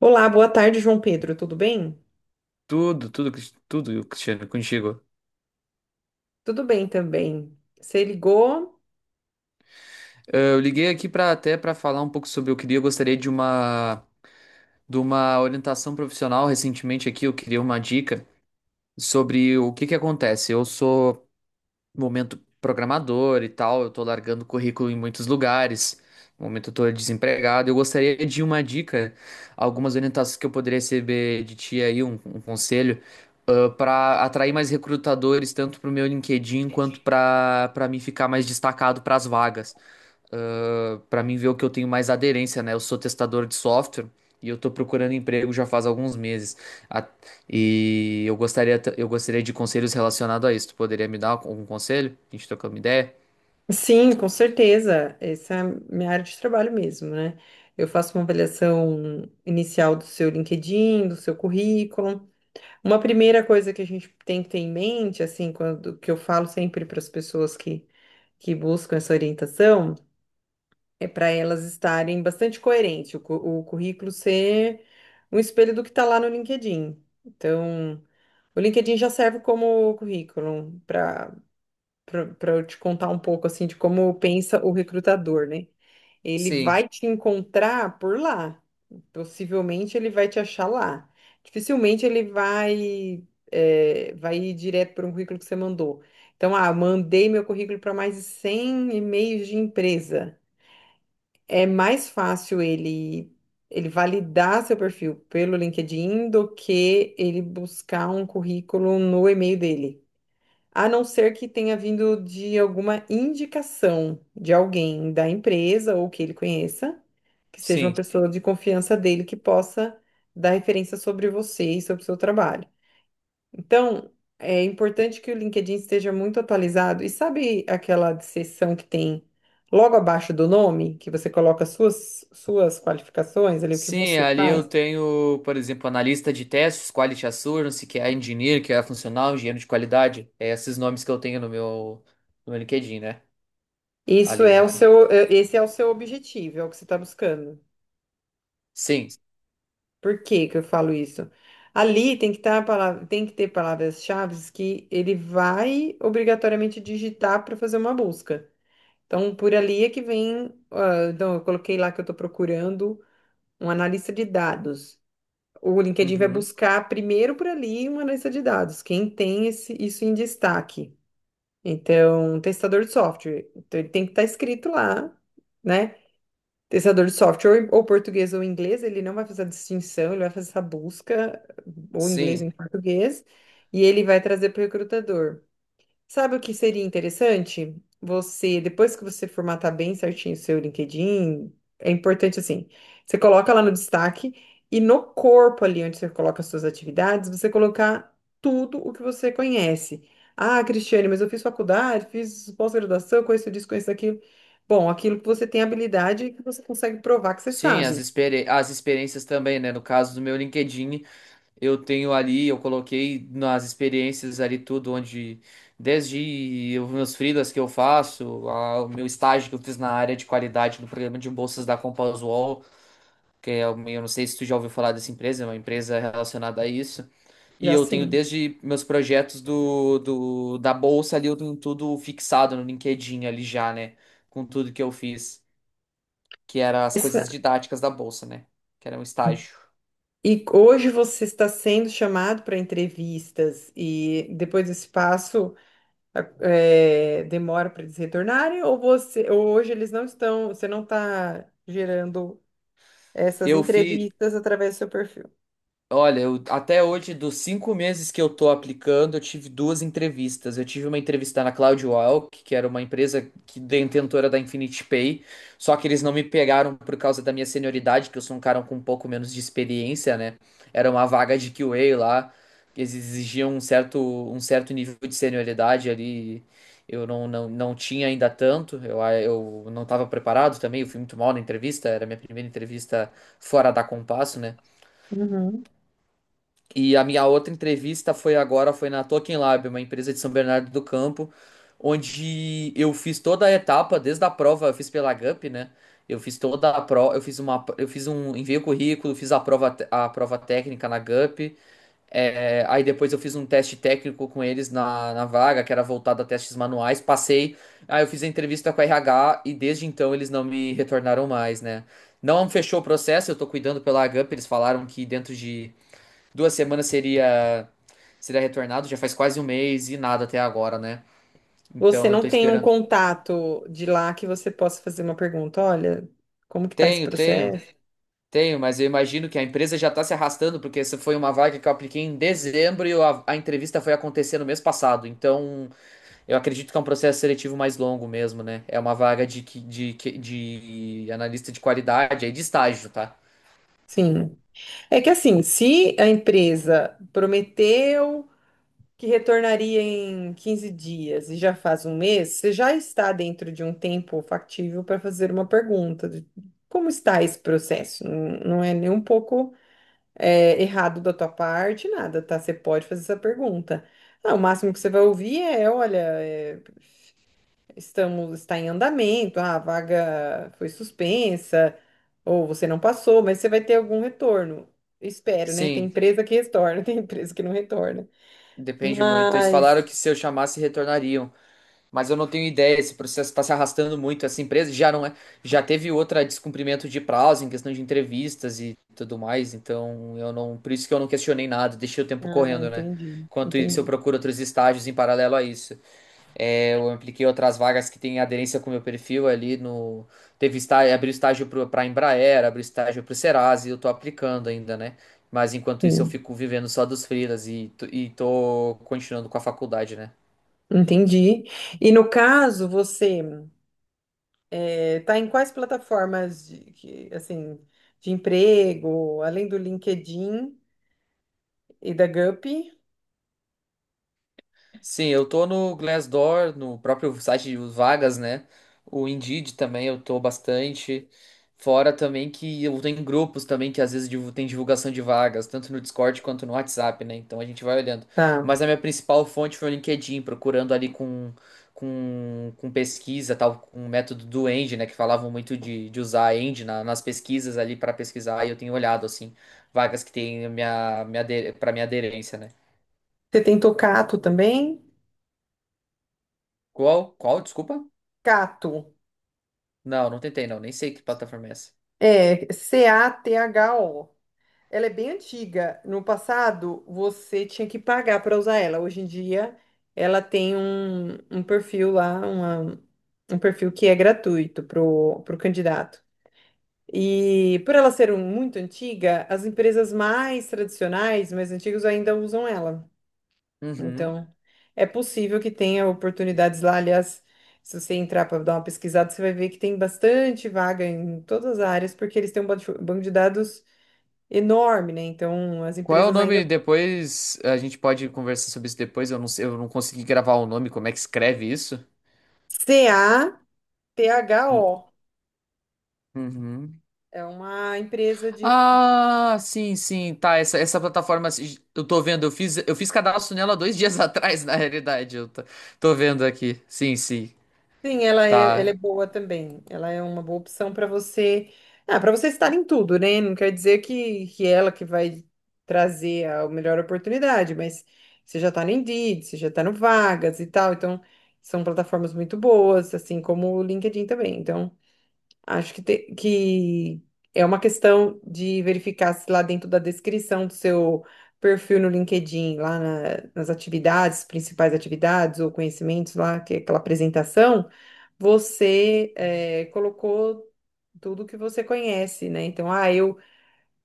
Olá, boa tarde, João Pedro. Tudo bem? Tudo, Cristiano, contigo. Tudo bem também. Você ligou? Eu liguei aqui para falar um pouco sobre eu gostaria de uma orientação profissional recentemente aqui, eu queria uma dica sobre o que que acontece. Eu sou momento programador e tal, eu tô largando currículo em muitos lugares. No momento eu tô desempregado. Eu gostaria de uma dica, algumas orientações que eu poderia receber de ti aí, um conselho, para atrair mais recrutadores, tanto pro meu LinkedIn quanto para mim ficar mais destacado para as vagas para mim ver o que eu tenho mais aderência, né? Eu sou testador de software e eu tô procurando emprego já faz alguns meses. A- E eu gostaria de conselhos relacionados a isso. Tu poderia me dar algum conselho? A gente trocando uma ideia? Sim, com certeza. Essa é a minha área de trabalho mesmo, né? Eu faço uma avaliação inicial do seu LinkedIn, do seu currículo. Uma primeira coisa que a gente tem que ter em mente, assim, quando que eu falo sempre para as pessoas que buscam essa orientação, é para elas estarem bastante coerentes, o currículo ser um espelho do que está lá no LinkedIn. Então. O LinkedIn já serve como currículo para eu te contar um pouco assim de como pensa o recrutador, né? Ele Sim, vai te encontrar por lá. Possivelmente ele vai te achar lá. Dificilmente ele vai ir direto para um currículo que você mandou. Então, mandei meu currículo para mais de 100 e-mails de empresa, é mais fácil ele validar seu perfil pelo LinkedIn do que ele buscar um currículo no e-mail dele. A não ser que tenha vindo de alguma indicação de alguém da empresa ou que ele conheça, que seja uma sim. pessoa de confiança dele que possa dar referência sobre você e sobre o seu trabalho. Então, é importante que o LinkedIn esteja muito atualizado. E sabe aquela seção que tem logo abaixo do nome, que você coloca suas, suas qualificações ali, o que Sim, você ali eu faz? tenho, por exemplo, analista de testes, quality assurance, que é engineer, que é funcional, engenheiro de qualidade. É esses nomes que eu tenho no meu, no meu LinkedIn, né? Isso Ali. é o seu. Esse é o seu objetivo, é o que você está buscando. Sim. Por que que eu falo isso? Ali tem que tá a palavra, tem que ter palavras-chave que ele vai obrigatoriamente digitar para fazer uma busca. Então, por ali é que vem. Então, eu coloquei lá que eu estou procurando um analista de dados. O LinkedIn vai Uhum. buscar primeiro por ali uma lista de dados, quem tem esse, isso em destaque. Então, testador de software. Então, ele tem que estar escrito lá, né? Testador de software, ou português ou inglês, ele não vai fazer a distinção, ele vai fazer essa busca, ou inglês ou Sim. em português, e ele vai trazer para o recrutador. Sabe o que seria interessante? Você, depois que você formatar bem certinho o seu LinkedIn, é importante assim, você coloca lá no destaque e no corpo ali onde você coloca as suas atividades, você colocar tudo o que você conhece. Ah, Cristiane, mas eu fiz faculdade, fiz pós-graduação, conheço disso, conheço aquilo. Bom, aquilo que você tem habilidade e que você consegue provar que você Sim, sabe. As experiências também, né? No caso do meu LinkedIn, eu tenho ali, eu coloquei nas experiências ali tudo, onde desde os meus freelas que eu faço, o meu estágio que eu fiz na área de qualidade do programa de bolsas da Compass eu não sei se tu já ouviu falar dessa empresa, é uma empresa relacionada a isso. E Já eu tenho sim. desde meus projetos do, do da bolsa ali, eu tenho tudo fixado no LinkedIn ali já, né? Com tudo que eu fiz que era as Essa- coisas didáticas da bolsa, né? Que era um estágio. E hoje você está sendo chamado para entrevistas e depois do passo demora para eles retornarem, ou você ou hoje eles não estão, você não está gerando essas Eu fiz. entrevistas através do seu perfil? Olha, até hoje, dos 5 meses que eu tô aplicando, eu tive duas entrevistas. Eu tive uma entrevista na CloudWalk, que era uma empresa que detentora da Infinity Pay, só que eles não me pegaram por causa da minha senioridade, que eu sou um cara com um pouco menos de experiência, né? Era uma vaga de QA lá, que eles exigiam um certo nível de senioridade ali. Eu não, não, não tinha ainda tanto, eu não estava preparado também, eu fui muito mal na entrevista, era a minha primeira entrevista fora da compasso, né? Uhum. E a minha outra entrevista foi agora, foi na Token Lab, uma empresa de São Bernardo do Campo, onde eu fiz toda a etapa, desde a prova, eu fiz pela GUP, né? Eu fiz toda a prova, eu fiz uma, eu fiz um, enviei o currículo, fiz a prova, a prova técnica na GUP, aí depois eu fiz um teste técnico com eles na, na vaga, que era voltado a testes manuais, passei, aí eu fiz a entrevista com a RH e desde então eles não me retornaram mais, né? Não fechou o processo, eu tô cuidando pela GUP, eles falaram que dentro de 2 semanas seria seria retornado, já faz quase um mês e nada até agora, né? Você Então eu não tô tem um esperando. contato de lá que você possa fazer uma pergunta, olha, como que tá esse Tenho, tenho, processo? tenho, mas eu imagino que a empresa já tá se arrastando, porque essa foi uma vaga que eu apliquei em dezembro e a entrevista foi acontecer no mês passado. Então eu acredito que é um processo seletivo mais longo mesmo, né? É uma vaga de analista de qualidade, aí de estágio, tá? Sim. É que assim, se a empresa prometeu que retornaria em 15 dias e já faz um mês, você já está dentro de um tempo factível para fazer uma pergunta de como está esse processo? Não é nem um pouco errado da tua parte, nada, tá? Você pode fazer essa pergunta. Ah, o máximo que você vai ouvir é, olha, é, estamos, está em andamento, ah, a vaga foi suspensa, ou você não passou, mas você vai ter algum retorno. Espero, né? Tem Sim, empresa que retorna, tem empresa que não retorna. depende muito. Eles falaram Mas. que se eu chamasse, retornariam. Mas eu não tenho ideia, esse processo está se arrastando muito. Essa empresa já não é, já teve outra descumprimento de prazo em questão de entrevistas e tudo mais. Então eu não, por isso que eu não questionei nada, deixei o tempo Ah, correndo, né? entendi, Enquanto isso, eu entendi. procuro outros estágios em paralelo a isso. É, eu apliquei outras vagas que têm aderência com o meu perfil ali no. Teve estágio, abri estágio para a Embraer, abri estágio para o Serasa e eu tô aplicando ainda, né? Mas enquanto isso, eu Sim, fico vivendo só dos freelas e tô continuando com a faculdade, né? entendi. E no caso, você está em quais plataformas de, que, assim, de emprego, além do LinkedIn e da Gupy? Sim, eu tô no Glassdoor, no próprio site de vagas, né? O Indeed também eu tô bastante. Fora também que eu tenho grupos também que às vezes tem divulgação de vagas, tanto no Discord quanto no WhatsApp, né? Então a gente vai olhando. Tá. Mas a minha principal fonte foi o LinkedIn, procurando ali com pesquisa, tal, com o método do End, né? Que falavam muito de usar a End nas pesquisas ali para pesquisar, e eu tenho olhado, assim, vagas que tem para minha aderência, né? Você tem Tocato também? Qual? Qual? Desculpa? Cato. Não, não tentei, não. Nem sei que plataforma é essa. É, Catho. Ela é bem antiga. No passado, você tinha que pagar para usar ela. Hoje em dia, ela tem um perfil lá, um perfil que é gratuito pro, pro candidato. E por ela ser muito antiga, as empresas mais tradicionais, mais antigas, ainda usam ela. Uhum. Então, é possível que tenha oportunidades lá. Aliás, se você entrar para dar uma pesquisada, você vai ver que tem bastante vaga em todas as áreas, porque eles têm um banco de dados enorme, né? Então, as Qual é o empresas ainda. nome depois? A gente pode conversar sobre isso depois. Eu não sei, eu não consegui gravar o nome. Como é que escreve isso? CAPHO Hum, uhum. é uma empresa de. Ah, sim, sim, tá. Essa plataforma, assim, eu tô vendo. Eu fiz cadastro nela 2 dias atrás, na realidade. Eu tô vendo aqui. Sim, sim, Sim, ela tá. é boa também. Ela é uma boa opção para você. Ah, para você estar em tudo, né? Não quer dizer que ela que vai trazer a melhor oportunidade, mas você já está no Indeed, você já está no Vagas e tal. Então, são plataformas muito boas, assim como o LinkedIn também. Então. Acho que é uma questão de verificar se lá dentro da descrição do seu perfil no LinkedIn, lá na- nas atividades, principais atividades ou conhecimentos lá, que é aquela apresentação, você colocou tudo que você conhece, né? Então, eu,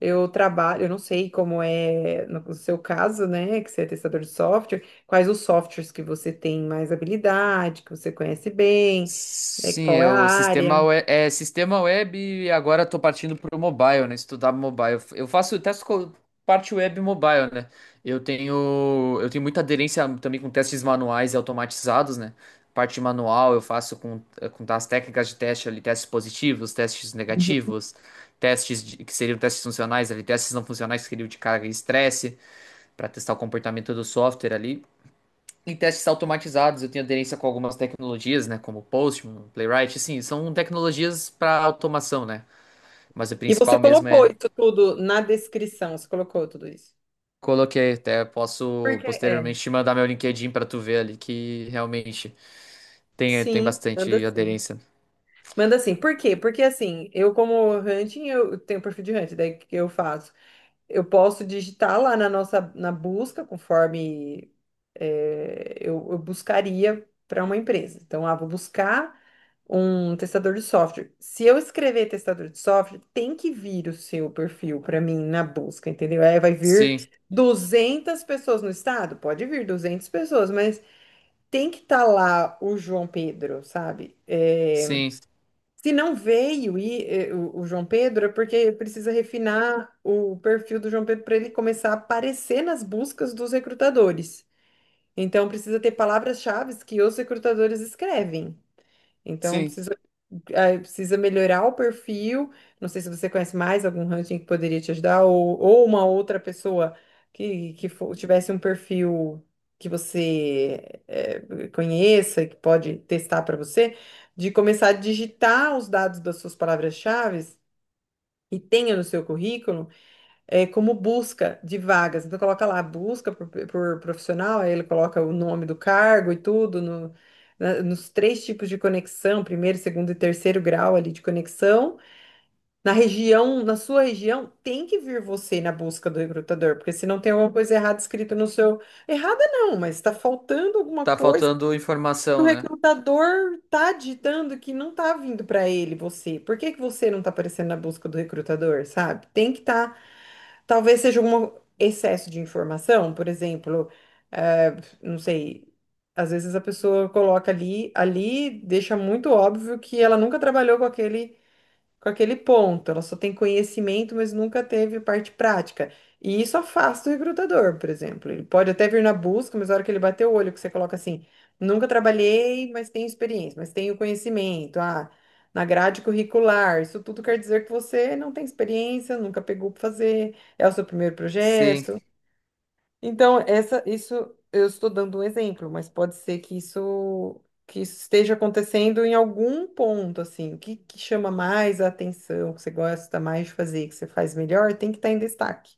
eu trabalho, eu não sei como é no seu caso, né, que você é testador de software, quais os softwares que você tem mais habilidade, que você conhece bem, né, Sim, qual é é a o sistema área. web, é sistema web e agora estou partindo para o mobile, né? Estudar mobile. Eu faço testes com parte web e mobile, né? Eu tenho muita aderência também com testes manuais e automatizados, né? Parte manual eu faço com as técnicas de teste ali, testes positivos, testes negativos, que seriam testes funcionais ali, testes não funcionais que seriam de carga e estresse para testar o comportamento do software ali em testes automatizados, eu tenho aderência com algumas tecnologias, né, como Postman, Playwright, assim, são tecnologias para automação, né? Mas o E principal você mesmo colocou é. isso tudo na descrição, você colocou tudo isso. Coloquei, até posso Porque é, posteriormente te mandar meu LinkedIn para tu ver ali que realmente tem Sim, manda bastante sim. aderência. Manda sim. Por quê? Porque assim, eu como hunting, eu tenho perfil de hunting, daí o que que eu faço? Eu posso digitar lá na nossa, na busca, conforme eu buscaria para uma empresa. Então, vou buscar um testador de software. Se eu escrever testador de software, tem que vir o seu perfil para mim na busca, entendeu? Aí vai vir Sim, 200 pessoas no estado? Pode vir 200 pessoas, mas tem que estar lá o João Pedro, sabe? É, sim, se não veio e o João Pedro, é porque precisa refinar o perfil do João Pedro para ele começar a aparecer nas buscas dos recrutadores. Então, precisa ter palavras-chave que os recrutadores escrevem. Então, sim. precisa melhorar o perfil. Não sei se você conhece mais algum ranking que poderia te ajudar, ou uma outra pessoa que fo- tivesse um perfil que você conheça, e que pode testar para você, de começar a digitar os dados das suas palavras-chave e tenha no seu currículo como busca de vagas. Então, coloca lá, busca por profissional, aí ele coloca o nome do cargo e tudo, nos três tipos de conexão, primeiro, segundo e terceiro grau ali de conexão. Na região, na sua região, tem que vir você na busca do recrutador, porque se não tem alguma coisa errada escrita no seu. Errada não, mas está faltando alguma Tá coisa que faltando o informação, né? recrutador está digitando que não está vindo para ele, você. Por que que você não está aparecendo na busca do recrutador, sabe? Tem que estar. Talvez seja um excesso de informação, por exemplo, eh, não sei, às vezes a pessoa coloca ali, ali deixa muito óbvio que ela nunca trabalhou com aquele ponto. Ela só tem conhecimento, mas nunca teve parte prática. E isso afasta o recrutador, por exemplo. Ele pode até vir na busca, mas na hora que ele bater o olho, que você coloca assim, nunca trabalhei, mas tenho experiência, mas tenho conhecimento. Ah, na grade curricular, isso tudo quer dizer que você não tem experiência, nunca pegou para fazer, é o seu primeiro Sim, projeto. Então, isso eu estou dando um exemplo, mas pode ser que isso esteja acontecendo em algum ponto, assim. O que, que chama mais a atenção, que você gosta mais de fazer, que você faz melhor, tem que estar em destaque.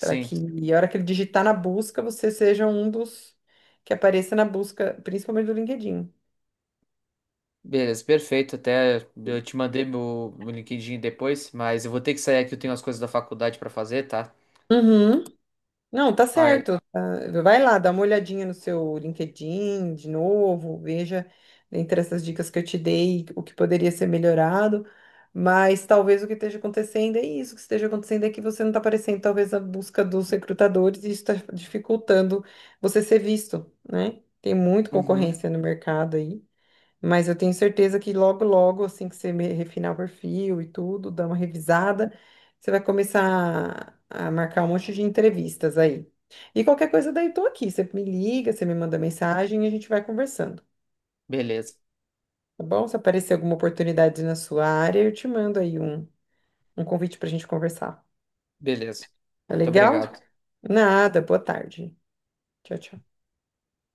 Para que, e a hora que ele digitar na busca, você seja um dos que apareça na busca, principalmente do LinkedIn. Beleza, perfeito. Até eu te mandei meu LinkedIn depois, mas eu vou ter que sair aqui, eu tenho as coisas da faculdade para fazer, tá? Uhum. Não, tá Ai, certo. Tá. Vai lá, dá uma olhadinha no seu LinkedIn de novo, veja entre essas dicas que eu te dei o que poderia ser melhorado. Mas talvez o que esteja acontecendo é isso, o que esteja acontecendo é que você não está aparecendo, talvez, na busca dos recrutadores e isso está dificultando você ser visto, né? Tem muita uhum, concorrência no mercado aí. Mas eu tenho certeza que logo, logo, assim que você refinar o perfil e tudo, dar uma revisada, você vai começar a marcar um monte de entrevistas aí. E qualquer coisa daí, tô aqui. Você me liga, você me manda mensagem e a gente vai conversando, beleza. tá bom? Se aparecer alguma oportunidade na sua área, eu te mando aí um convite pra gente conversar. Beleza. Tá Muito legal? obrigado. Nada, boa tarde. Tchau, tchau.